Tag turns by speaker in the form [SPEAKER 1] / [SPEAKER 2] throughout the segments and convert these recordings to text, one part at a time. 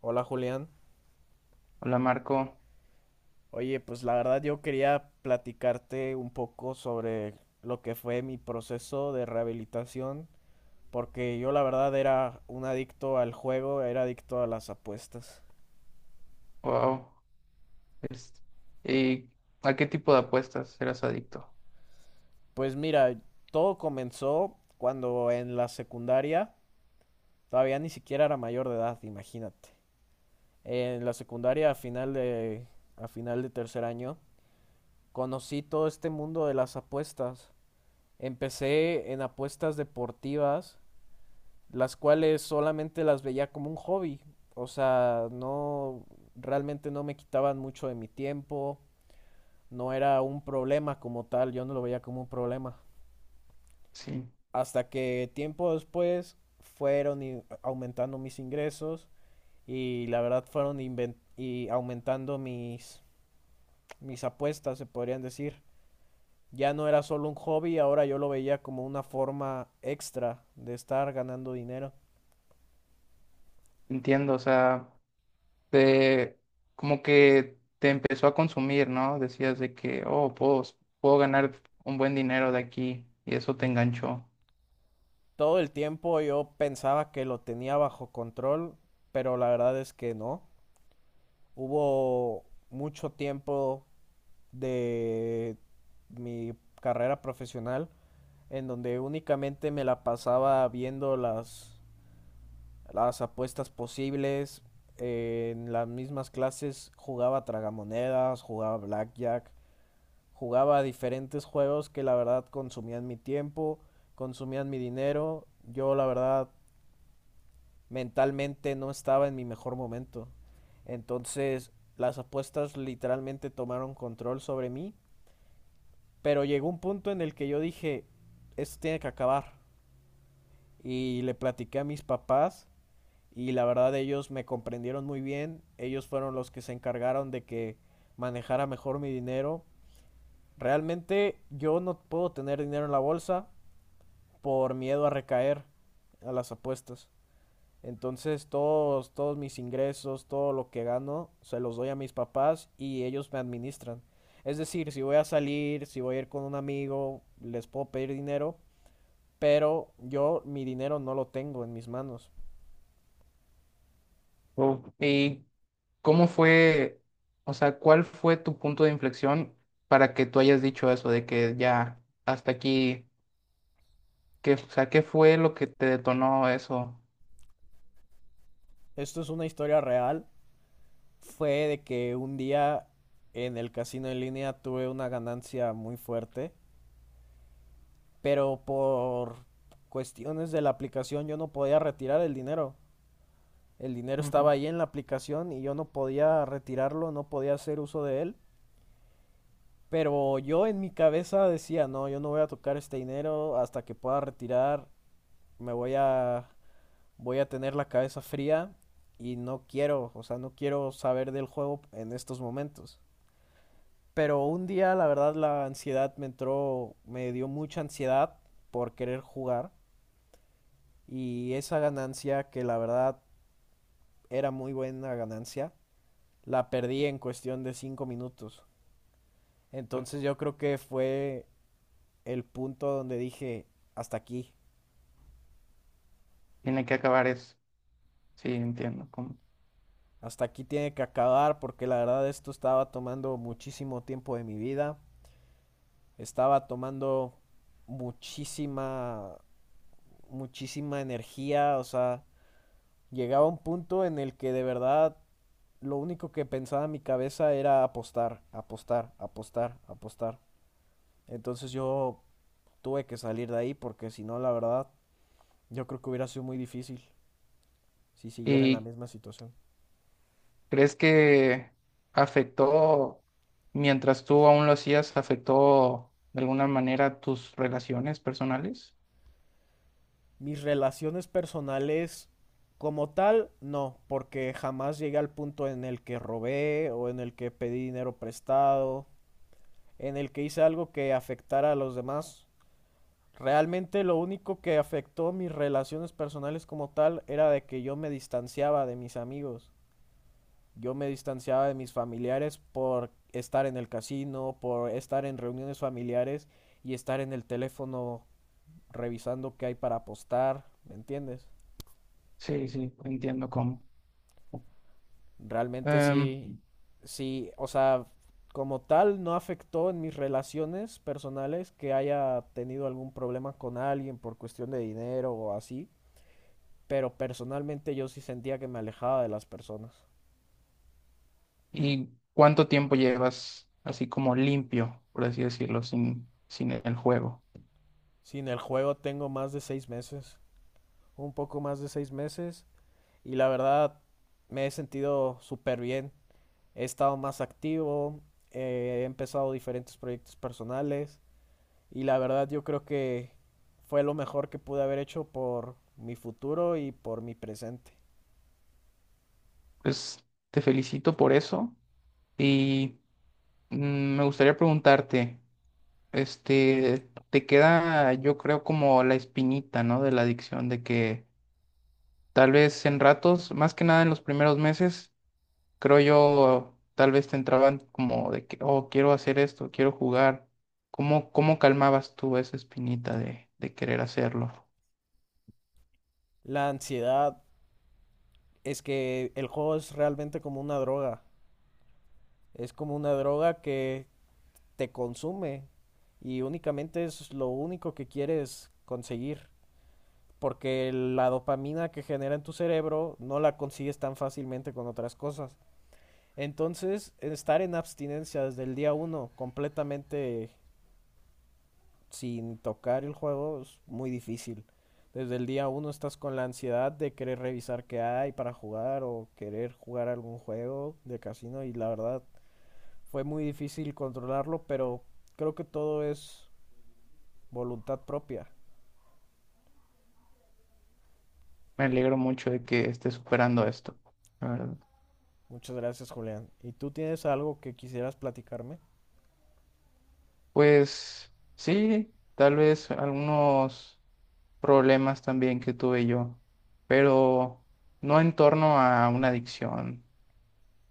[SPEAKER 1] Hola, Julián.
[SPEAKER 2] Hola Marco,
[SPEAKER 1] Oye, pues la verdad yo quería platicarte un poco sobre lo que fue mi proceso de rehabilitación, porque yo la verdad era un adicto al juego, era adicto a las apuestas.
[SPEAKER 2] wow. Es- ¿Y a qué tipo de apuestas eras adicto?
[SPEAKER 1] Pues mira, todo comenzó cuando en la secundaria, todavía ni siquiera era mayor de edad, imagínate. En la secundaria a final de tercer año conocí todo este mundo de las apuestas. Empecé en apuestas deportivas, las cuales solamente las veía como un hobby. O sea, no, realmente no me quitaban mucho de mi tiempo, no era un problema como tal, yo no lo veía como un problema.
[SPEAKER 2] Sí,
[SPEAKER 1] Hasta que tiempo después aumentando mis ingresos y la verdad fueron aumentando mis apuestas, se podrían decir. Ya no era solo un hobby, ahora yo lo veía como una forma extra de estar ganando dinero.
[SPEAKER 2] entiendo, o sea, te, como que te empezó a consumir, ¿no? Decías de que, oh, puedo ganar un buen dinero de aquí y eso te enganchó.
[SPEAKER 1] Todo el tiempo yo pensaba que lo tenía bajo control, pero la verdad es que no. Hubo mucho tiempo de mi carrera profesional en donde únicamente me la pasaba viendo las apuestas posibles. En las mismas clases jugaba tragamonedas, jugaba blackjack, jugaba diferentes juegos que la verdad consumían mi tiempo, consumían mi dinero. Yo la verdad mentalmente no estaba en mi mejor momento. Entonces, las apuestas literalmente tomaron control sobre mí, pero llegó un punto en el que yo dije, esto tiene que acabar. Y le platiqué a mis papás y la verdad ellos me comprendieron muy bien, ellos fueron los que se encargaron de que manejara mejor mi dinero. Realmente yo no puedo tener dinero en la bolsa por miedo a recaer a las apuestas. Entonces todos mis ingresos, todo lo que gano, se los doy a mis papás y ellos me administran. Es decir, si voy a salir, si voy a ir con un amigo, les puedo pedir dinero, pero yo mi dinero no lo tengo en mis manos.
[SPEAKER 2] Oh. ¿Cómo fue, o sea, ¿cuál fue tu punto de inflexión para que tú hayas dicho eso de que ya hasta aquí, que, o sea, qué fue lo que te detonó eso?
[SPEAKER 1] Esto es una historia real. Fue de que un día en el casino en línea tuve una ganancia muy fuerte, pero por cuestiones de la aplicación yo no podía retirar el dinero. El dinero estaba
[SPEAKER 2] Ujú.
[SPEAKER 1] ahí en la aplicación y yo no podía retirarlo, no podía hacer uso de él. Pero yo en mi cabeza decía, no, yo no voy a tocar este dinero hasta que pueda retirar. Me voy a, Voy a tener la cabeza fría y no quiero, o sea, no quiero saber del juego en estos momentos. Pero un día, la verdad, la ansiedad me entró, me dio mucha ansiedad por querer jugar y esa ganancia, que la verdad era muy buena ganancia, la perdí en cuestión de 5 minutos. Entonces yo creo que fue el punto donde dije, hasta aquí.
[SPEAKER 2] Tiene que acabar eso. Sí, entiendo. Cómo.
[SPEAKER 1] Hasta aquí tiene que acabar porque la verdad esto estaba tomando muchísimo tiempo de mi vida, estaba tomando muchísima, muchísima energía, o sea, llegaba un punto en el que de verdad lo único que pensaba en mi cabeza era apostar, apostar, apostar, apostar. Entonces yo tuve que salir de ahí porque si no, la verdad, yo creo que hubiera sido muy difícil si siguiera en la
[SPEAKER 2] ¿Y
[SPEAKER 1] misma situación.
[SPEAKER 2] crees que afectó, mientras tú aún lo hacías, afectó de alguna manera tus relaciones personales?
[SPEAKER 1] Mis relaciones personales como tal, no, porque jamás llegué al punto en el que robé o en el que pedí dinero prestado, en el que hice algo que afectara a los demás. Realmente lo único que afectó mis relaciones personales como tal era de que yo me distanciaba de mis amigos. Yo me distanciaba de mis familiares por estar en el casino, por estar en reuniones familiares y estar en el teléfono revisando qué hay para apostar, ¿me entiendes?
[SPEAKER 2] Sí, entiendo cómo.
[SPEAKER 1] Realmente sí, sí, o sea, como tal no afectó en mis relaciones personales que haya tenido algún problema con alguien por cuestión de dinero o así, pero personalmente yo sí sentía que me alejaba de las personas.
[SPEAKER 2] ¿Y cuánto tiempo llevas así como limpio, por así decirlo, sin el juego?
[SPEAKER 1] Sin el juego tengo más de 6 meses, un poco más de 6 meses, y la verdad me he sentido súper bien. He estado más activo. He empezado diferentes proyectos personales. Y la verdad yo creo que fue lo mejor que pude haber hecho por mi futuro y por mi presente.
[SPEAKER 2] Pues te felicito por eso y me gustaría preguntarte, este, te queda yo creo como la espinita, ¿no? De la adicción, de que tal vez en ratos, más que nada en los primeros meses, creo yo, tal vez te entraban como de que, oh, quiero hacer esto, quiero jugar. ¿Cómo calmabas tú esa espinita de querer hacerlo?
[SPEAKER 1] La ansiedad es que el juego es realmente como una droga. Es como una droga que te consume y únicamente es lo único que quieres conseguir. Porque la dopamina que genera en tu cerebro no la consigues tan fácilmente con otras cosas. Entonces, estar en abstinencia desde el día uno, completamente sin tocar el juego es muy difícil. Desde el día uno estás con la ansiedad de querer revisar qué hay para jugar o querer jugar algún juego de casino y la verdad fue muy difícil controlarlo, pero creo que todo es voluntad propia.
[SPEAKER 2] Me alegro mucho de que estés superando esto, la verdad.
[SPEAKER 1] Muchas gracias, Julián. ¿Y tú tienes algo que quisieras platicarme?
[SPEAKER 2] Pues sí, tal vez algunos problemas también que tuve yo, pero no en torno a una adicción,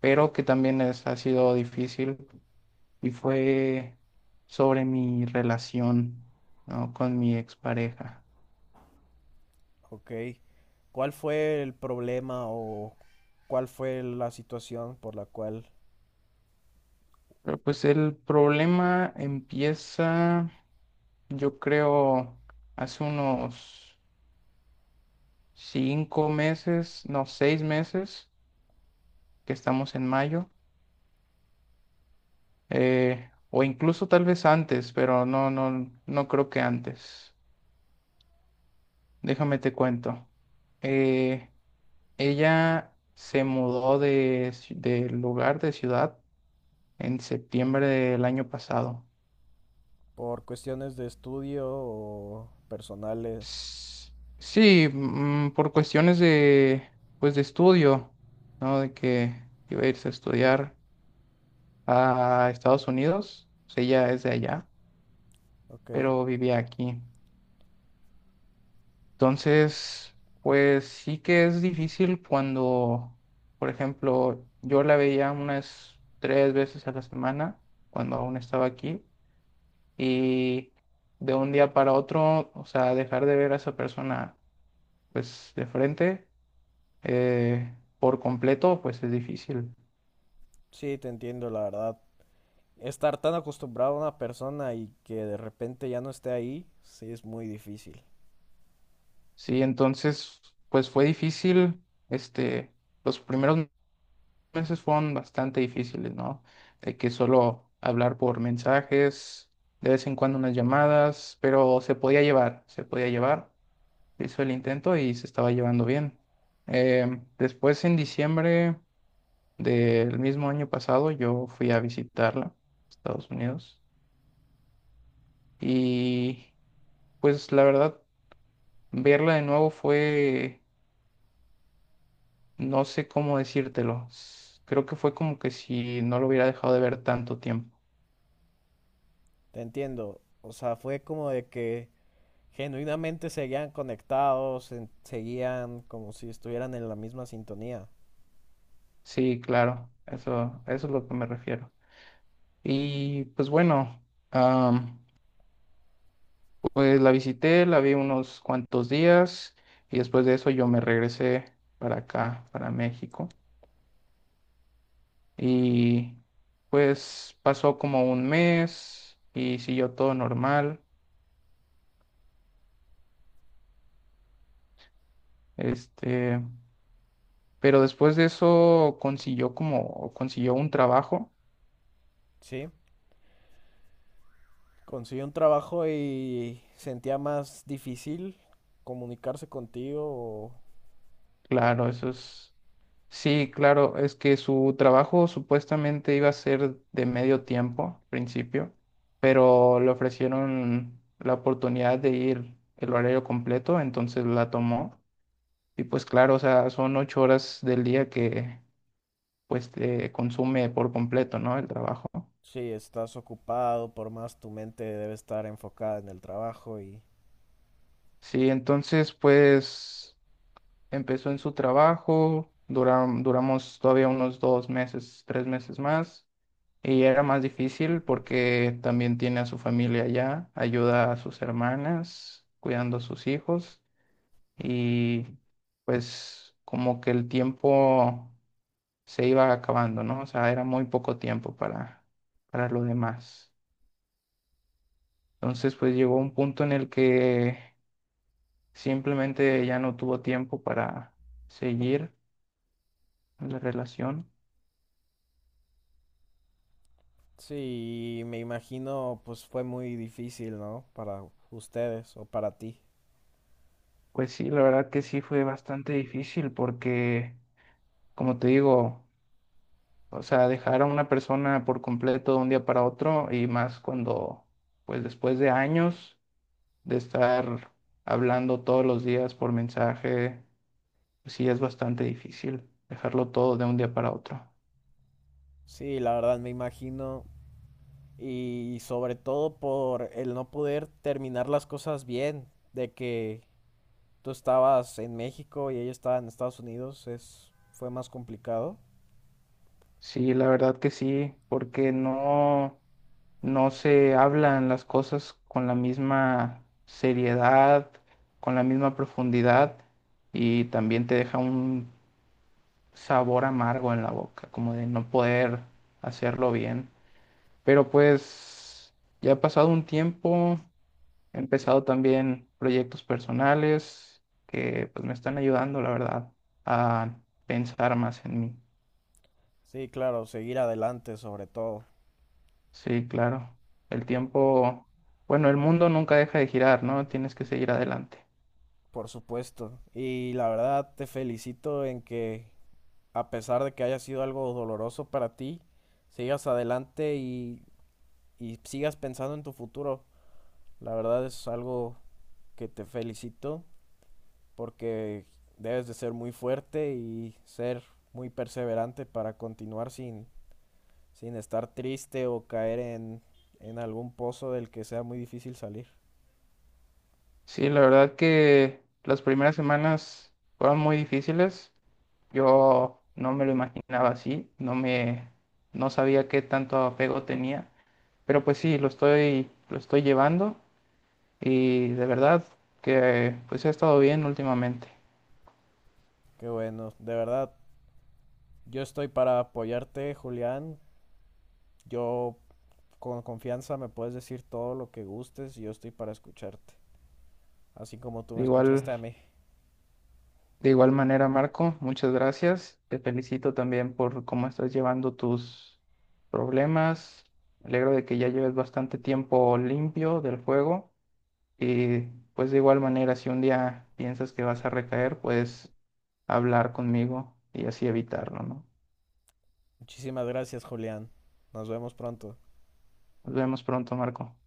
[SPEAKER 2] pero que también ha sido difícil y fue sobre mi relación, ¿no? Con mi expareja.
[SPEAKER 1] Ok. ¿Cuál fue el problema o cuál fue la situación por la cual,
[SPEAKER 2] Pero pues el problema empieza, yo creo, hace unos cinco meses, no, seis meses que estamos en mayo, o incluso tal vez antes, pero no creo que antes. Déjame te cuento. Eh, Ella se mudó de lugar, de ciudad, en septiembre del año pasado.
[SPEAKER 1] por cuestiones de estudio o personales?
[SPEAKER 2] S- Sí, por cuestiones de, pues, de estudio, ¿no? De que iba a irse a estudiar a Estados Unidos, pues ella es de allá.
[SPEAKER 1] Ok.
[SPEAKER 2] Pero vivía aquí. Entonces, pues sí que es difícil cuando, por ejemplo, yo la veía unas 3 veces a la semana cuando aún estaba aquí y de un día para otro, o sea, dejar de ver a esa persona pues de frente por completo, pues es difícil.
[SPEAKER 1] Sí, te entiendo, la verdad. Estar tan acostumbrado a una persona y que de repente ya no esté ahí, sí es muy difícil.
[SPEAKER 2] Sí, entonces, pues fue difícil, este, los primeros meses fueron bastante difíciles, ¿no? De que solo hablar por mensajes, de vez en cuando unas llamadas, pero se podía llevar. Se hizo el intento y se estaba llevando bien. Después, en diciembre del mismo año pasado, yo fui a visitarla, Estados Unidos, y pues la verdad, verla de nuevo fue, no sé cómo decírtelo. Creo que fue como que si no lo hubiera dejado de ver tanto tiempo.
[SPEAKER 1] Te entiendo. O sea, fue como de que genuinamente seguían conectados, seguían como si estuvieran en la misma sintonía.
[SPEAKER 2] Sí, claro, eso es lo que me refiero. Y pues bueno, am, pues la visité, la vi unos cuantos días y después de eso yo me regresé para acá, para México. Y pues pasó como un mes y siguió todo normal. Este, pero después de eso consiguió un trabajo.
[SPEAKER 1] Sí, conseguí un trabajo y sentía más difícil comunicarse contigo o
[SPEAKER 2] Claro, eso es. Sí, claro, es que su trabajo supuestamente iba a ser de medio tiempo al principio, pero le ofrecieron la oportunidad de ir el horario completo, entonces la tomó. Y pues claro, o sea, son 8 horas del día que pues te consume por completo, ¿no? El trabajo.
[SPEAKER 1] si estás ocupado, por más tu mente debe estar enfocada en el trabajo y
[SPEAKER 2] Sí, entonces pues empezó en su trabajo, duramos todavía unos dos meses, tres meses más. Y era más difícil porque también tiene a su familia allá, ayuda a sus hermanas, cuidando a sus hijos y pues como que el tiempo se iba acabando, ¿no? O sea, era muy poco tiempo para lo demás. Entonces pues llegó un punto en el que simplemente ya no tuvo tiempo para seguir la relación.
[SPEAKER 1] sí, me imagino, pues fue muy difícil, ¿no? Para ustedes o para ti.
[SPEAKER 2] Pues sí, la verdad que sí fue bastante difícil porque, como te digo, o sea, dejar a una persona por completo de un día para otro y más cuando, pues después de años de estar hablando todos los días por mensaje, pues sí es bastante difícil dejarlo todo de un día para otro.
[SPEAKER 1] Sí, la verdad, me imagino. Y sobre todo por el no poder terminar las cosas bien, de que tú estabas en México y ella estaba en Estados Unidos, es, fue más complicado.
[SPEAKER 2] Sí, la verdad que sí, porque no se hablan las cosas con la misma seriedad, con la misma profundidad y también te deja un sabor amargo en la boca, como de no poder hacerlo bien. Pero pues ya ha pasado un tiempo, he empezado también proyectos personales que pues me están ayudando, la verdad, a pensar más en mí.
[SPEAKER 1] Sí, claro, seguir adelante sobre todo,
[SPEAKER 2] Sí, claro. El tiempo, bueno, el mundo nunca deja de girar, ¿no? Tienes que seguir adelante.
[SPEAKER 1] por supuesto. Y la verdad, te felicito en que, a pesar de que haya sido algo doloroso para ti, sigas adelante y sigas pensando en tu futuro. La verdad es algo que te felicito porque debes de ser muy fuerte y ser muy perseverante para continuar sin estar triste o caer en algún pozo del que sea muy difícil salir.
[SPEAKER 2] Sí, la verdad que las primeras semanas fueron muy difíciles. Yo no me lo imaginaba así, no sabía qué tanto apego tenía, pero pues sí, lo estoy llevando. Y de verdad que pues ha estado bien últimamente.
[SPEAKER 1] Qué bueno, de verdad, yo estoy para apoyarte, Julián. Yo con confianza me puedes decir todo lo que gustes y yo estoy para escucharte, así como tú
[SPEAKER 2] De
[SPEAKER 1] me
[SPEAKER 2] igual,
[SPEAKER 1] escuchaste a mí.
[SPEAKER 2] de igual manera, Marco, muchas gracias. Te felicito también por cómo estás llevando tus problemas. Me alegro de que ya lleves bastante tiempo limpio del juego y pues de igual manera, si un día piensas que vas a recaer, puedes hablar conmigo y así evitarlo, ¿no?
[SPEAKER 1] Muchísimas gracias, Julián. Nos vemos pronto.
[SPEAKER 2] Nos vemos pronto, Marco.